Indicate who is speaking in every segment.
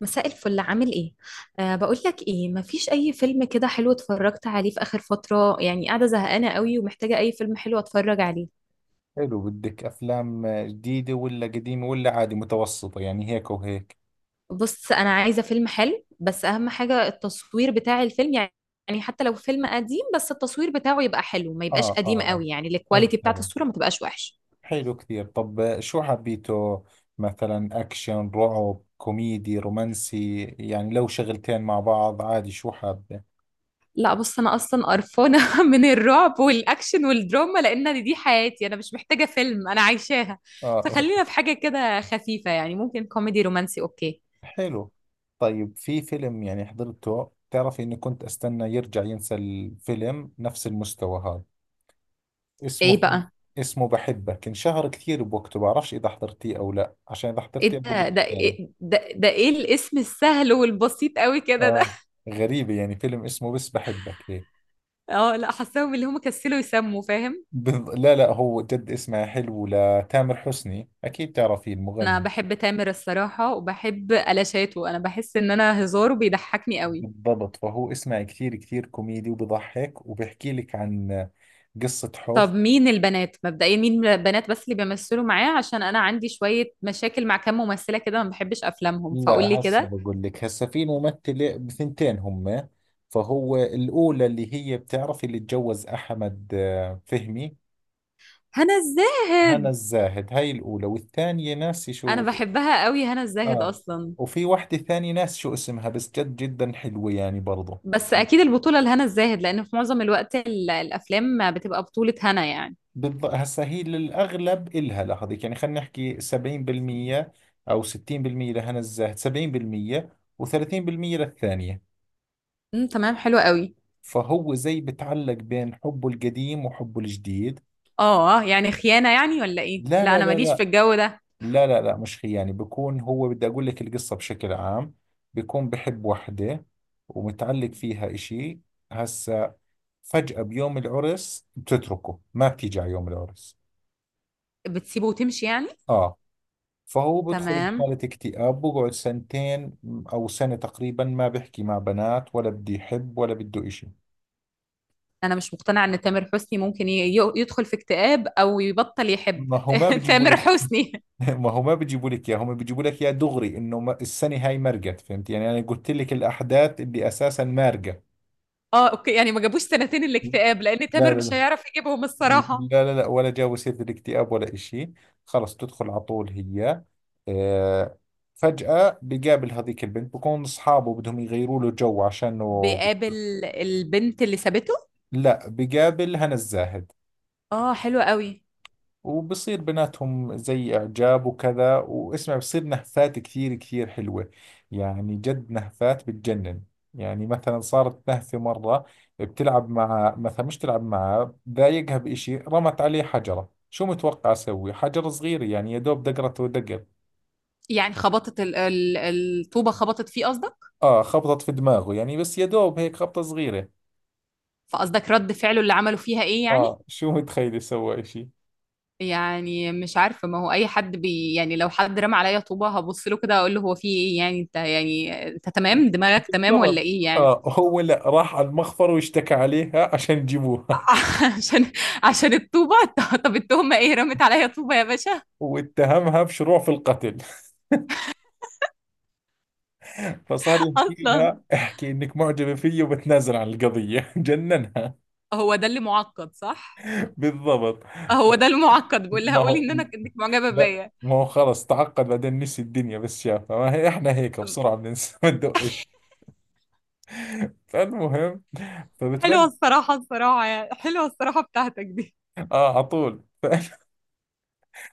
Speaker 1: مساء الفل، عامل ايه؟ أه، بقول لك ايه، مفيش اي فيلم كده حلو اتفرجت عليه في اخر فترة، يعني قاعدة زهقانة قوي ومحتاجة اي فيلم حلو اتفرج عليه.
Speaker 2: حلو، بدك أفلام جديدة ولا قديمة ولا عادي متوسطة، يعني هيك وهيك.
Speaker 1: بص، انا عايزة فيلم حلو، بس اهم حاجة التصوير بتاع الفيلم يعني. يعني حتى لو فيلم قديم، بس التصوير بتاعه يبقى حلو، ما يبقاش
Speaker 2: آه آه
Speaker 1: قديم
Speaker 2: آه،
Speaker 1: قوي، يعني الكواليتي
Speaker 2: فهمت
Speaker 1: بتاعت
Speaker 2: علي.
Speaker 1: الصورة ما تبقاش وحش.
Speaker 2: حلو كثير. طب شو حبيته؟ مثلا أكشن، رعب، كوميدي، رومانسي، يعني لو شغلتين مع بعض عادي. شو حابة؟
Speaker 1: لا بص، انا اصلا قرفانة من الرعب والاكشن والدراما، لان دي حياتي انا، مش محتاجة فيلم انا عايشاها.
Speaker 2: آه،
Speaker 1: فخلينا في حاجة كده خفيفة، يعني ممكن كوميدي رومانسي، اوكي.
Speaker 2: حلو. طيب في فيلم يعني حضرته، بتعرفي إني كنت أستنى يرجع ينسى الفيلم نفس المستوى هذا. اسمه
Speaker 1: ايه
Speaker 2: في،
Speaker 1: بقى؟
Speaker 2: اسمه بحبك. انشهر كثير بوقته، بعرفش إذا حضرتيه أو لا، عشان إذا حضرتيه
Speaker 1: إيه
Speaker 2: أقول لك
Speaker 1: ده ده
Speaker 2: ثاني.
Speaker 1: إيه ده, ده إيه الاسم السهل والبسيط قوي كده ده
Speaker 2: اه، غريبة يعني فيلم اسمه بس بحبك هيك.
Speaker 1: اه لا، حاساهم اللي هم كسلوا يسموا، فاهم.
Speaker 2: لا لا، هو جد اسمها حلو، لتامر حسني أكيد تعرفيه
Speaker 1: أنا
Speaker 2: المغني.
Speaker 1: بحب تامر الصراحة، وبحب ألاشاته، أنا بحس إن أنا هزاره بيضحكني قوي.
Speaker 2: بالضبط، فهو اسمه كثير كثير كوميدي وبضحك، وبحكي لك عن قصة حب.
Speaker 1: طب مين البنات مبدئيا، مين البنات بس اللي بيمثلوا معاه، عشان أنا عندي شوية مشاكل مع كام ممثلة كده، ما بحبش أفلامهم، فقول لي
Speaker 2: لا هسه
Speaker 1: كده.
Speaker 2: بقول لك. هسه في ممثلة بثنتين هم. فهو الأولى اللي هي بتعرفي اللي تجوز أحمد آه، فهمي.
Speaker 1: هنا
Speaker 2: هنا
Speaker 1: الزاهد.
Speaker 2: الزاهد هاي الأولى، والثانية ناسي
Speaker 1: أنا
Speaker 2: شو.
Speaker 1: بحبها قوي هنا الزاهد
Speaker 2: اه.
Speaker 1: أصلا.
Speaker 2: وفي واحدة ثانية ناس شو اسمها، بس جد جدا حلوة يعني برضو.
Speaker 1: بس اكيد البطوله لهنا الزاهد، لان في معظم الوقت ال- الافلام بتبقى بطوله هنا يعني.
Speaker 2: بالضبط، هسا هي للأغلب إلها لهذيك، يعني خلينا نحكي 70% أو 60%. لهنا الزاهد 70% و30% للثانية.
Speaker 1: تمام، حلو قوي.
Speaker 2: فهو زي بتعلق بين حبه القديم وحبه الجديد.
Speaker 1: اه يعني خيانة يعني، ولا ايه؟
Speaker 2: لا
Speaker 1: لا
Speaker 2: لا
Speaker 1: انا ماليش في
Speaker 2: لا،
Speaker 1: الجو ده.
Speaker 2: لا لا لا، مش خيانة. يعني بكون هو، بدي أقول لك القصة بشكل عام. بكون بحب وحدة ومتعلق فيها إشي. هسا فجأة بيوم العرس بتتركه، ما بتيجي على يوم العرس.
Speaker 1: بتسيبه وتمشي يعني.
Speaker 2: آه. فهو بدخل
Speaker 1: تمام.
Speaker 2: بحالة اكتئاب، بقعد سنتين أو سنة تقريبا. ما بحكي مع بنات ولا بدي يحب ولا بده إشي.
Speaker 1: انا مش مقتنعة ان تامر حسني ممكن يدخل في اكتئاب او يبطل يحب
Speaker 2: ما هو ما بيجيبوا
Speaker 1: تامر
Speaker 2: لك
Speaker 1: حسني.
Speaker 2: ما هو ما بيجيبوا لك اياه، هم بيجيبوا لك اياه دغري، انه السنه هاي مرقت، فهمت يعني. انا قلت لك الاحداث اللي اساسا مارقه.
Speaker 1: اه اوكي، يعني ما جابوش سنتين الاكتئاب، لان
Speaker 2: لا
Speaker 1: تامر
Speaker 2: لا
Speaker 1: مش
Speaker 2: لا،
Speaker 1: هيعرف يجيبهم الصراحة.
Speaker 2: لا لا لا، ولا جا بصير بالاكتئاب ولا إشي. خلص، تدخل على طول هي. آه، فجأة بقابل هذيك البنت، بكون أصحابه بدهم يغيروا له جو عشانه.
Speaker 1: بيقابل البنت اللي سابته.
Speaker 2: لا، بقابل هنا الزاهد.
Speaker 1: اه حلو قوي.
Speaker 2: وبصير بيناتهم زي إعجاب وكذا، واسمع بصير نهفات كثير كثير حلوة. يعني جد نهفات بتجنن. يعني مثلا صارت نهفة مرة، بتلعب مع مثلا، مش تلعب معاه، ضايقها بإشي، رمت عليه حجرة. شو متوقع أسوي؟ حجر صغير يعني، يا دوب دقرته دقر.
Speaker 1: يعني خبطت الطوبة، خبطت فيه قصدك.
Speaker 2: آه، خبطت في دماغه يعني، بس يا دوب هيك خبطة صغيرة.
Speaker 1: فقصدك رد فعله اللي عمله فيها ايه يعني؟
Speaker 2: آه، شو متخيل سوى إشي؟
Speaker 1: يعني مش عارفة، ما هو أي حد بي، يعني لو حد رمى عليا طوبة هبص له كده أقول له هو في إيه يعني؟ أنت يعني أنت تمام، دماغك تمام ولا
Speaker 2: بالضبط.
Speaker 1: إيه يعني؟
Speaker 2: آه، هو لا، راح على المخفر واشتكى عليها عشان يجيبوها.
Speaker 1: عشان عشان الطوبة طب التهمة إيه، رمت عليا طوبة يا باشا؟
Speaker 2: واتهمها بشروع في القتل. فصار يحكي
Speaker 1: أصلا
Speaker 2: لها احكي انك معجبة فيي وبتنازل عن القضية جننها.
Speaker 1: هو ده اللي معقد صح.
Speaker 2: بالضبط.
Speaker 1: هو ده المعقد، بقول لها
Speaker 2: ما
Speaker 1: قولي
Speaker 2: هو
Speaker 1: إن أنا إنك معجبة
Speaker 2: لا،
Speaker 1: بيا.
Speaker 2: ما هو خلص تعقد بعدين، نسي الدنيا بس شافها. ما هي احنا هيك بسرعة بننسى ما ندقش. فالمهم،
Speaker 1: حلوة
Speaker 2: فبتبلش.
Speaker 1: الصراحة، الصراحة يعني، حلوة الصراحة بتاعتك دي.
Speaker 2: اه على طول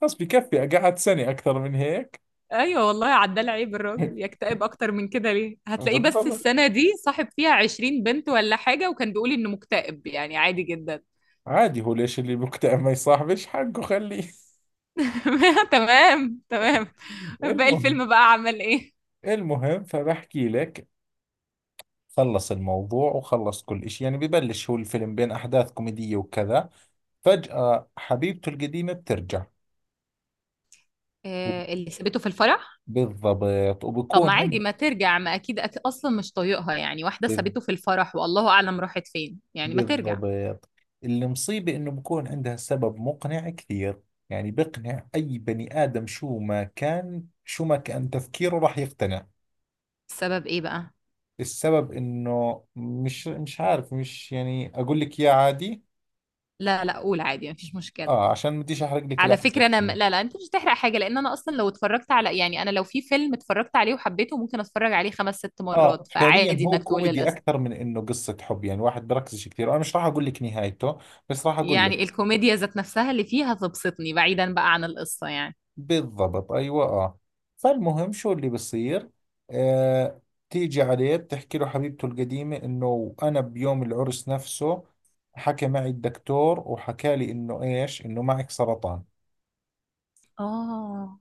Speaker 2: خلص بكفي، قعدت سنة. أكثر من هيك
Speaker 1: ايوه والله، عدال، عيب الراجل يكتئب اكتر من كده ليه؟ هتلاقيه بس
Speaker 2: بالضبط.
Speaker 1: السنه دي صاحب فيها 20 بنت ولا حاجه، وكان بيقول انه مكتئب، يعني عادي جدا
Speaker 2: عادي، هو ليش اللي مكتئب ما يصاحبش؟ حقه، خليه.
Speaker 1: تمام تمام. باقي
Speaker 2: المهم.
Speaker 1: الفيلم بقى عمل ايه؟
Speaker 2: المهم فبحكي لك، خلص الموضوع وخلص كل إشي، يعني ببلش هو الفيلم بين أحداث كوميدية وكذا. فجأة حبيبته القديمة بترجع.
Speaker 1: آه، اللي سابته في الفرح.
Speaker 2: بالضبط
Speaker 1: طب ما
Speaker 2: وبكون
Speaker 1: عادي
Speaker 2: عند.
Speaker 1: ما ترجع، ما اكيد أكيد اصلا مش طايقها يعني، واحده
Speaker 2: بال-
Speaker 1: سابته في الفرح والله اعلم راحت فين، يعني ما ترجع.
Speaker 2: بالضبط، المصيبة إنه بكون عندها سبب مقنع كثير. يعني بقنع أي بني آدم، شو ما كان شو ما كان تفكيره راح يقتنع.
Speaker 1: السبب ايه بقى؟
Speaker 2: السبب إنه مش عارف، مش يعني أقول لك يا عادي.
Speaker 1: لا لا، قول عادي، مفيش مشكله.
Speaker 2: آه، عشان ما بديش أحرق لك
Speaker 1: على
Speaker 2: الأحداث.
Speaker 1: فكرة أنا لا لا، أنت مش هتحرق حاجة، لأن أنا أصلا لو اتفرجت على، يعني أنا لو في فيلم اتفرجت عليه وحبيته ممكن أتفرج عليه خمس ست
Speaker 2: اه
Speaker 1: مرات،
Speaker 2: فعليا
Speaker 1: فعادي
Speaker 2: هو
Speaker 1: إنك تقولي
Speaker 2: كوميدي
Speaker 1: القصة.
Speaker 2: اكثر من انه قصة حب، يعني واحد بركزش كثير. انا مش راح اقول لك نهايته، بس راح اقول
Speaker 1: يعني
Speaker 2: لك.
Speaker 1: الكوميديا ذات نفسها اللي فيها تبسطني، بعيدا بقى عن القصة يعني.
Speaker 2: بالضبط ايوه، اه. فالمهم شو اللي بصير. آه، تيجي عليه بتحكي له حبيبته القديمة انه انا بيوم العرس نفسه حكى معي الدكتور وحكى لي انه ايش، انه معك سرطان.
Speaker 1: آه.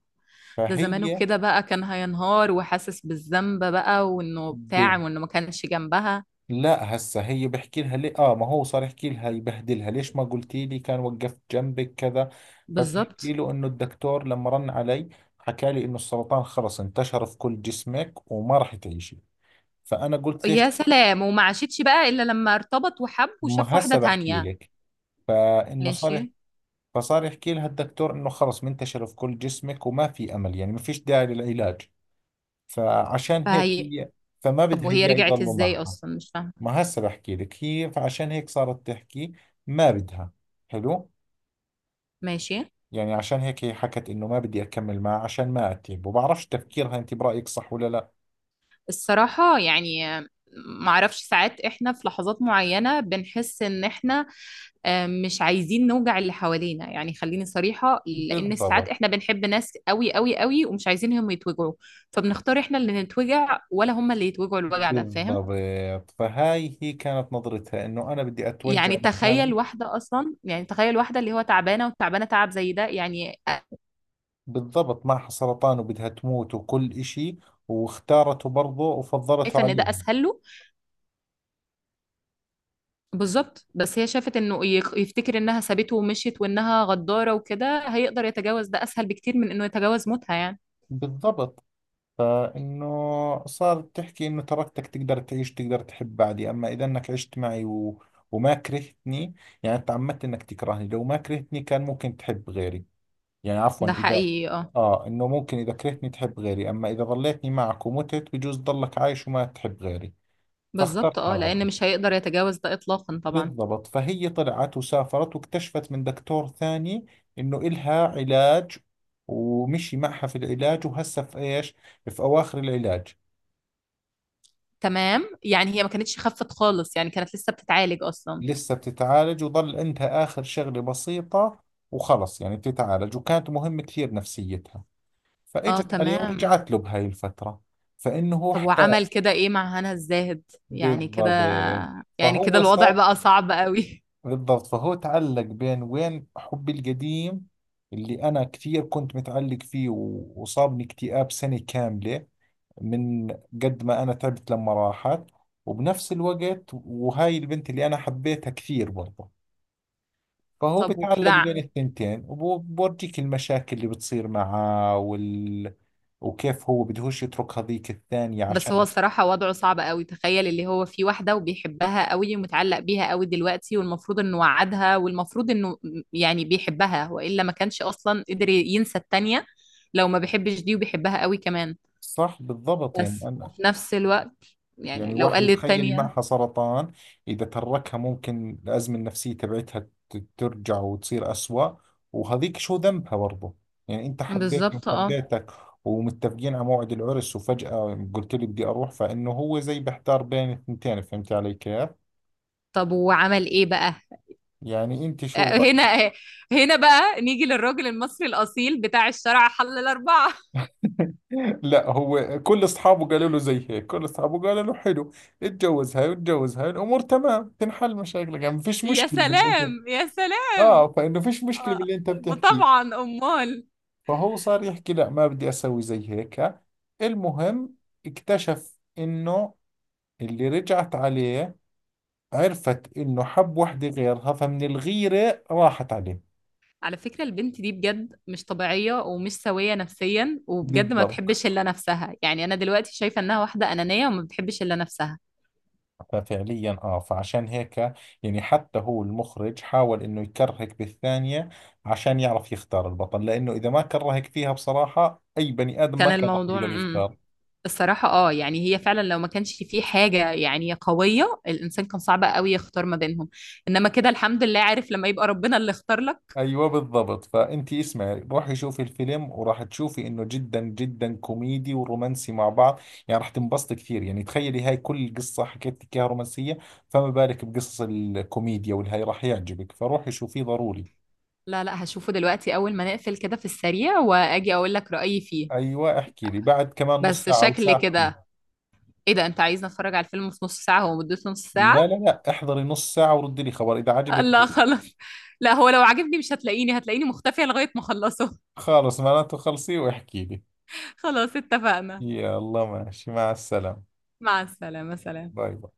Speaker 1: ده زمانه
Speaker 2: فهي،
Speaker 1: كده بقى كان هينهار وحاسس بالذنب بقى، وإنه بتاع وإنه ما كانش جنبها.
Speaker 2: لا هسه هي بحكي لها ليه. اه ما هو صار يحكي لها يبهدلها، ليش ما قلتي لي؟ كان وقفت جنبك كذا. فبتحكي
Speaker 1: بالظبط.
Speaker 2: له انه الدكتور لما رن علي حكى لي انه السرطان خلص انتشر في كل جسمك وما راح تعيشي. فانا قلت ليش.
Speaker 1: يا سلام، وما عاشتش بقى إلا لما ارتبط وحب وشاف
Speaker 2: ما
Speaker 1: واحدة
Speaker 2: هسه بحكي
Speaker 1: تانية.
Speaker 2: لك. فانه صار
Speaker 1: ماشي.
Speaker 2: فصار يحكي لها الدكتور انه خلص منتشر في كل جسمك وما في امل، يعني ما فيش داعي للعلاج. فعشان هيك
Speaker 1: فهي.
Speaker 2: هي، فما
Speaker 1: طب
Speaker 2: بدها
Speaker 1: وهي
Speaker 2: اياه
Speaker 1: رجعت
Speaker 2: يضلوا
Speaker 1: إزاي
Speaker 2: معها.
Speaker 1: أصلا، مش فاهمة.
Speaker 2: ما هسه بحكي لك. هي فعشان هيك صارت تحكي ما بدها. حلو.
Speaker 1: ماشي.
Speaker 2: يعني عشان هيك هي حكت انه ما بدي اكمل معه عشان ما اتعبه. بعرفش تفكيرها، انت برأيك صح ولا لا؟
Speaker 1: الصراحة يعني، معرفش، ساعات احنا في لحظات معينة بنحس ان احنا، آه، مش عايزين نوجع اللي حوالينا، يعني خليني صريحة، لأن ساعات
Speaker 2: بالضبط.
Speaker 1: احنا بنحب ناس قوي قوي قوي، ومش عايزينهم يتوجعوا. فبنختار احنا اللي نتوجع ولا هم اللي يتوجعوا الوجع ده، فاهم؟
Speaker 2: بالضبط، فهاي هي كانت نظرتها انه انا بدي اتوجع
Speaker 1: يعني
Speaker 2: لحالي.
Speaker 1: تخيل واحدة أصلا، يعني تخيل واحدة اللي هو تعبانة، وتعبانة تعب زي ده يعني.
Speaker 2: بالضبط، معها سرطان وبدها تموت وكل اشي، واختارته برضه وفضلته
Speaker 1: شايفة إن ده
Speaker 2: عليهم.
Speaker 1: أسهل له. بالظبط، بس هي شافت انه يفتكر انها سابته ومشيت وانها غدارة، وكده هيقدر يتجاوز ده اسهل بكتير من انه يتجاوز موتها يعني.
Speaker 2: بالضبط. فإنه صارت تحكي إنه تركتك تقدر تعيش، تقدر تحب بعدي، أما إذا إنك عشت معي و... وما كرهتني، يعني تعمدت إنك تكرهني، لو ما كرهتني كان ممكن تحب غيري. يعني عفوا
Speaker 1: ده
Speaker 2: إذا،
Speaker 1: حقيقي اه.
Speaker 2: آه إنه ممكن إذا كرهتني تحب غيري، أما إذا ظليتني معك ومتت بجوز ضلك عايش وما تحب غيري.
Speaker 1: بالظبط
Speaker 2: فاخترت
Speaker 1: اه،
Speaker 2: هذا
Speaker 1: لان
Speaker 2: الوجه.
Speaker 1: مش هيقدر يتجاوز ده اطلاقا طبعا.
Speaker 2: بالضبط، فهي طلعت وسافرت واكتشفت من دكتور ثاني إنه إلها علاج. ومشي معها في العلاج، وهسه في إيش، في أواخر العلاج.
Speaker 1: تمام، يعني هي ما كانتش خفت خالص، يعني كانت لسه بتتعالج اصلا.
Speaker 2: لسه بتتعالج، وظل عندها آخر شغلة بسيطة وخلص، يعني بتتعالج، وكانت مهم كثير نفسيتها.
Speaker 1: اه
Speaker 2: فإجت عليه
Speaker 1: تمام.
Speaker 2: ورجعت له بهاي الفترة. فإنه هو
Speaker 1: طب
Speaker 2: احتار.
Speaker 1: وعمل كده ايه مع هنا الزاهد؟ يعني كده،
Speaker 2: بالضبط، فهو
Speaker 1: الوضع
Speaker 2: صار.
Speaker 1: بقى صعب قوي.
Speaker 2: بالضبط، فهو تعلق بين وين حبي القديم اللي أنا كثير كنت متعلق فيه وصابني اكتئاب سنة كاملة من قد ما أنا تعبت لما راحت، وبنفس الوقت وهاي البنت اللي أنا حبيتها كثير برضه. فهو
Speaker 1: طب
Speaker 2: بتعلق
Speaker 1: وكده؟
Speaker 2: بين الثنتين، وبورجيك المشاكل اللي بتصير معاه وال... وكيف هو بدهوش يترك هذيك الثانية
Speaker 1: بس هو
Speaker 2: عشان.
Speaker 1: الصراحة وضعه صعب قوي، تخيل اللي هو في واحدة وبيحبها قوي ومتعلق بيها قوي دلوقتي، والمفروض انه وعدها والمفروض انه، يعني بيحبها وإلا ما كانش أصلا قدر ينسى التانية، لو ما بيحبش دي وبيحبها قوي كمان.
Speaker 2: صح بالضبط، يعني
Speaker 1: بس
Speaker 2: أنا،
Speaker 1: وفي نفس الوقت، يعني
Speaker 2: يعني
Speaker 1: لو قال
Speaker 2: واحدة تخيلي
Speaker 1: للتانية.
Speaker 2: معها سرطان، إذا تركها ممكن الأزمة النفسية تبعتها ترجع وتصير أسوأ. وهذيك شو ذنبها برضه. يعني أنت حبيتني
Speaker 1: بالظبط اه.
Speaker 2: وحبيتك، ومتفقين على موعد العرس، وفجأة قلت لي بدي أروح. فإنه هو زي بحتار بين الثنتين. فهمت علي كيف؟
Speaker 1: طب وعمل ايه بقى؟
Speaker 2: يعني أنت شو.
Speaker 1: آه، هنا بقى نيجي للراجل المصري الأصيل بتاع الشرع حل الأربعة
Speaker 2: لا، هو كل اصحابه قالوا له زي هيك، كل اصحابه قالوا له حلو، اتجوز هاي واتجوز هاي، الامور تمام، تنحل مشاكلك، يعني ما فيش
Speaker 1: يا
Speaker 2: مشكله باللي انت.
Speaker 1: سلام يا سلام.
Speaker 2: اه فانه فيش مشكله
Speaker 1: آه،
Speaker 2: باللي انت بتحكيه.
Speaker 1: طبعا أمال.
Speaker 2: فهو صار يحكي لا ما بدي اسوي زي هيك. المهم، اكتشف انه اللي رجعت عليه عرفت انه حب وحده غيرها، فمن الغيره راحت عليه.
Speaker 1: على فكرة البنت دي بجد مش طبيعية ومش سوية نفسيا، وبجد ما بتحبش
Speaker 2: بالضبط.
Speaker 1: إلا نفسها، يعني أنا دلوقتي شايفة إنها واحدة أنانية وما بتحبش إلا نفسها.
Speaker 2: ففعليا اه فعشان هيك، يعني حتى هو المخرج حاول انه يكرهك بالثانية عشان يعرف يختار البطل، لانه اذا ما كرهك فيها بصراحة اي بني ادم ما
Speaker 1: كان
Speaker 2: كان راح
Speaker 1: الموضوع
Speaker 2: يقدر يختار.
Speaker 1: الصراحة اه، يعني هي فعلا لو ما كانش في حاجة يعني قوية، الإنسان كان صعب قوي يختار ما بينهم. إنما كده الحمد لله، عارف لما يبقى ربنا اللي اختار لك.
Speaker 2: ايوه بالضبط. فانت اسمعي، روحي شوفي الفيلم، وراح تشوفي انه جدا جدا كوميدي ورومانسي مع بعض. يعني راح تنبسطي كثير. يعني تخيلي هاي كل قصة حكيت لك اياها رومانسية، فما بالك بقصص الكوميديا والهاي. راح يعجبك، فروحي شوفيه ضروري.
Speaker 1: لا لا، هشوفه دلوقتي أول ما نقفل كده في السريع، وأجي أقول لك رأيي فيه.
Speaker 2: ايوه احكي لي بعد كمان نص
Speaker 1: بس
Speaker 2: ساعة او
Speaker 1: شكل
Speaker 2: ساعة، احكي.
Speaker 1: كده، إيه ده؟ أنت عايزني أتفرج على الفيلم في نص ساعة، هو مدته نص ساعة؟
Speaker 2: لا لا لا، احضري نص ساعة وردي لي خبر إذا عجبك
Speaker 1: لا
Speaker 2: أو لا.
Speaker 1: خلاص. لا هو لو عجبني مش هتلاقيني، هتلاقيني مختفية لغاية ما اخلصه.
Speaker 2: خالص معناته خلصي واحكي لي.
Speaker 1: خلاص اتفقنا.
Speaker 2: يا الله، ماشي مع السلامة.
Speaker 1: مع السلامة، سلام.
Speaker 2: باي باي.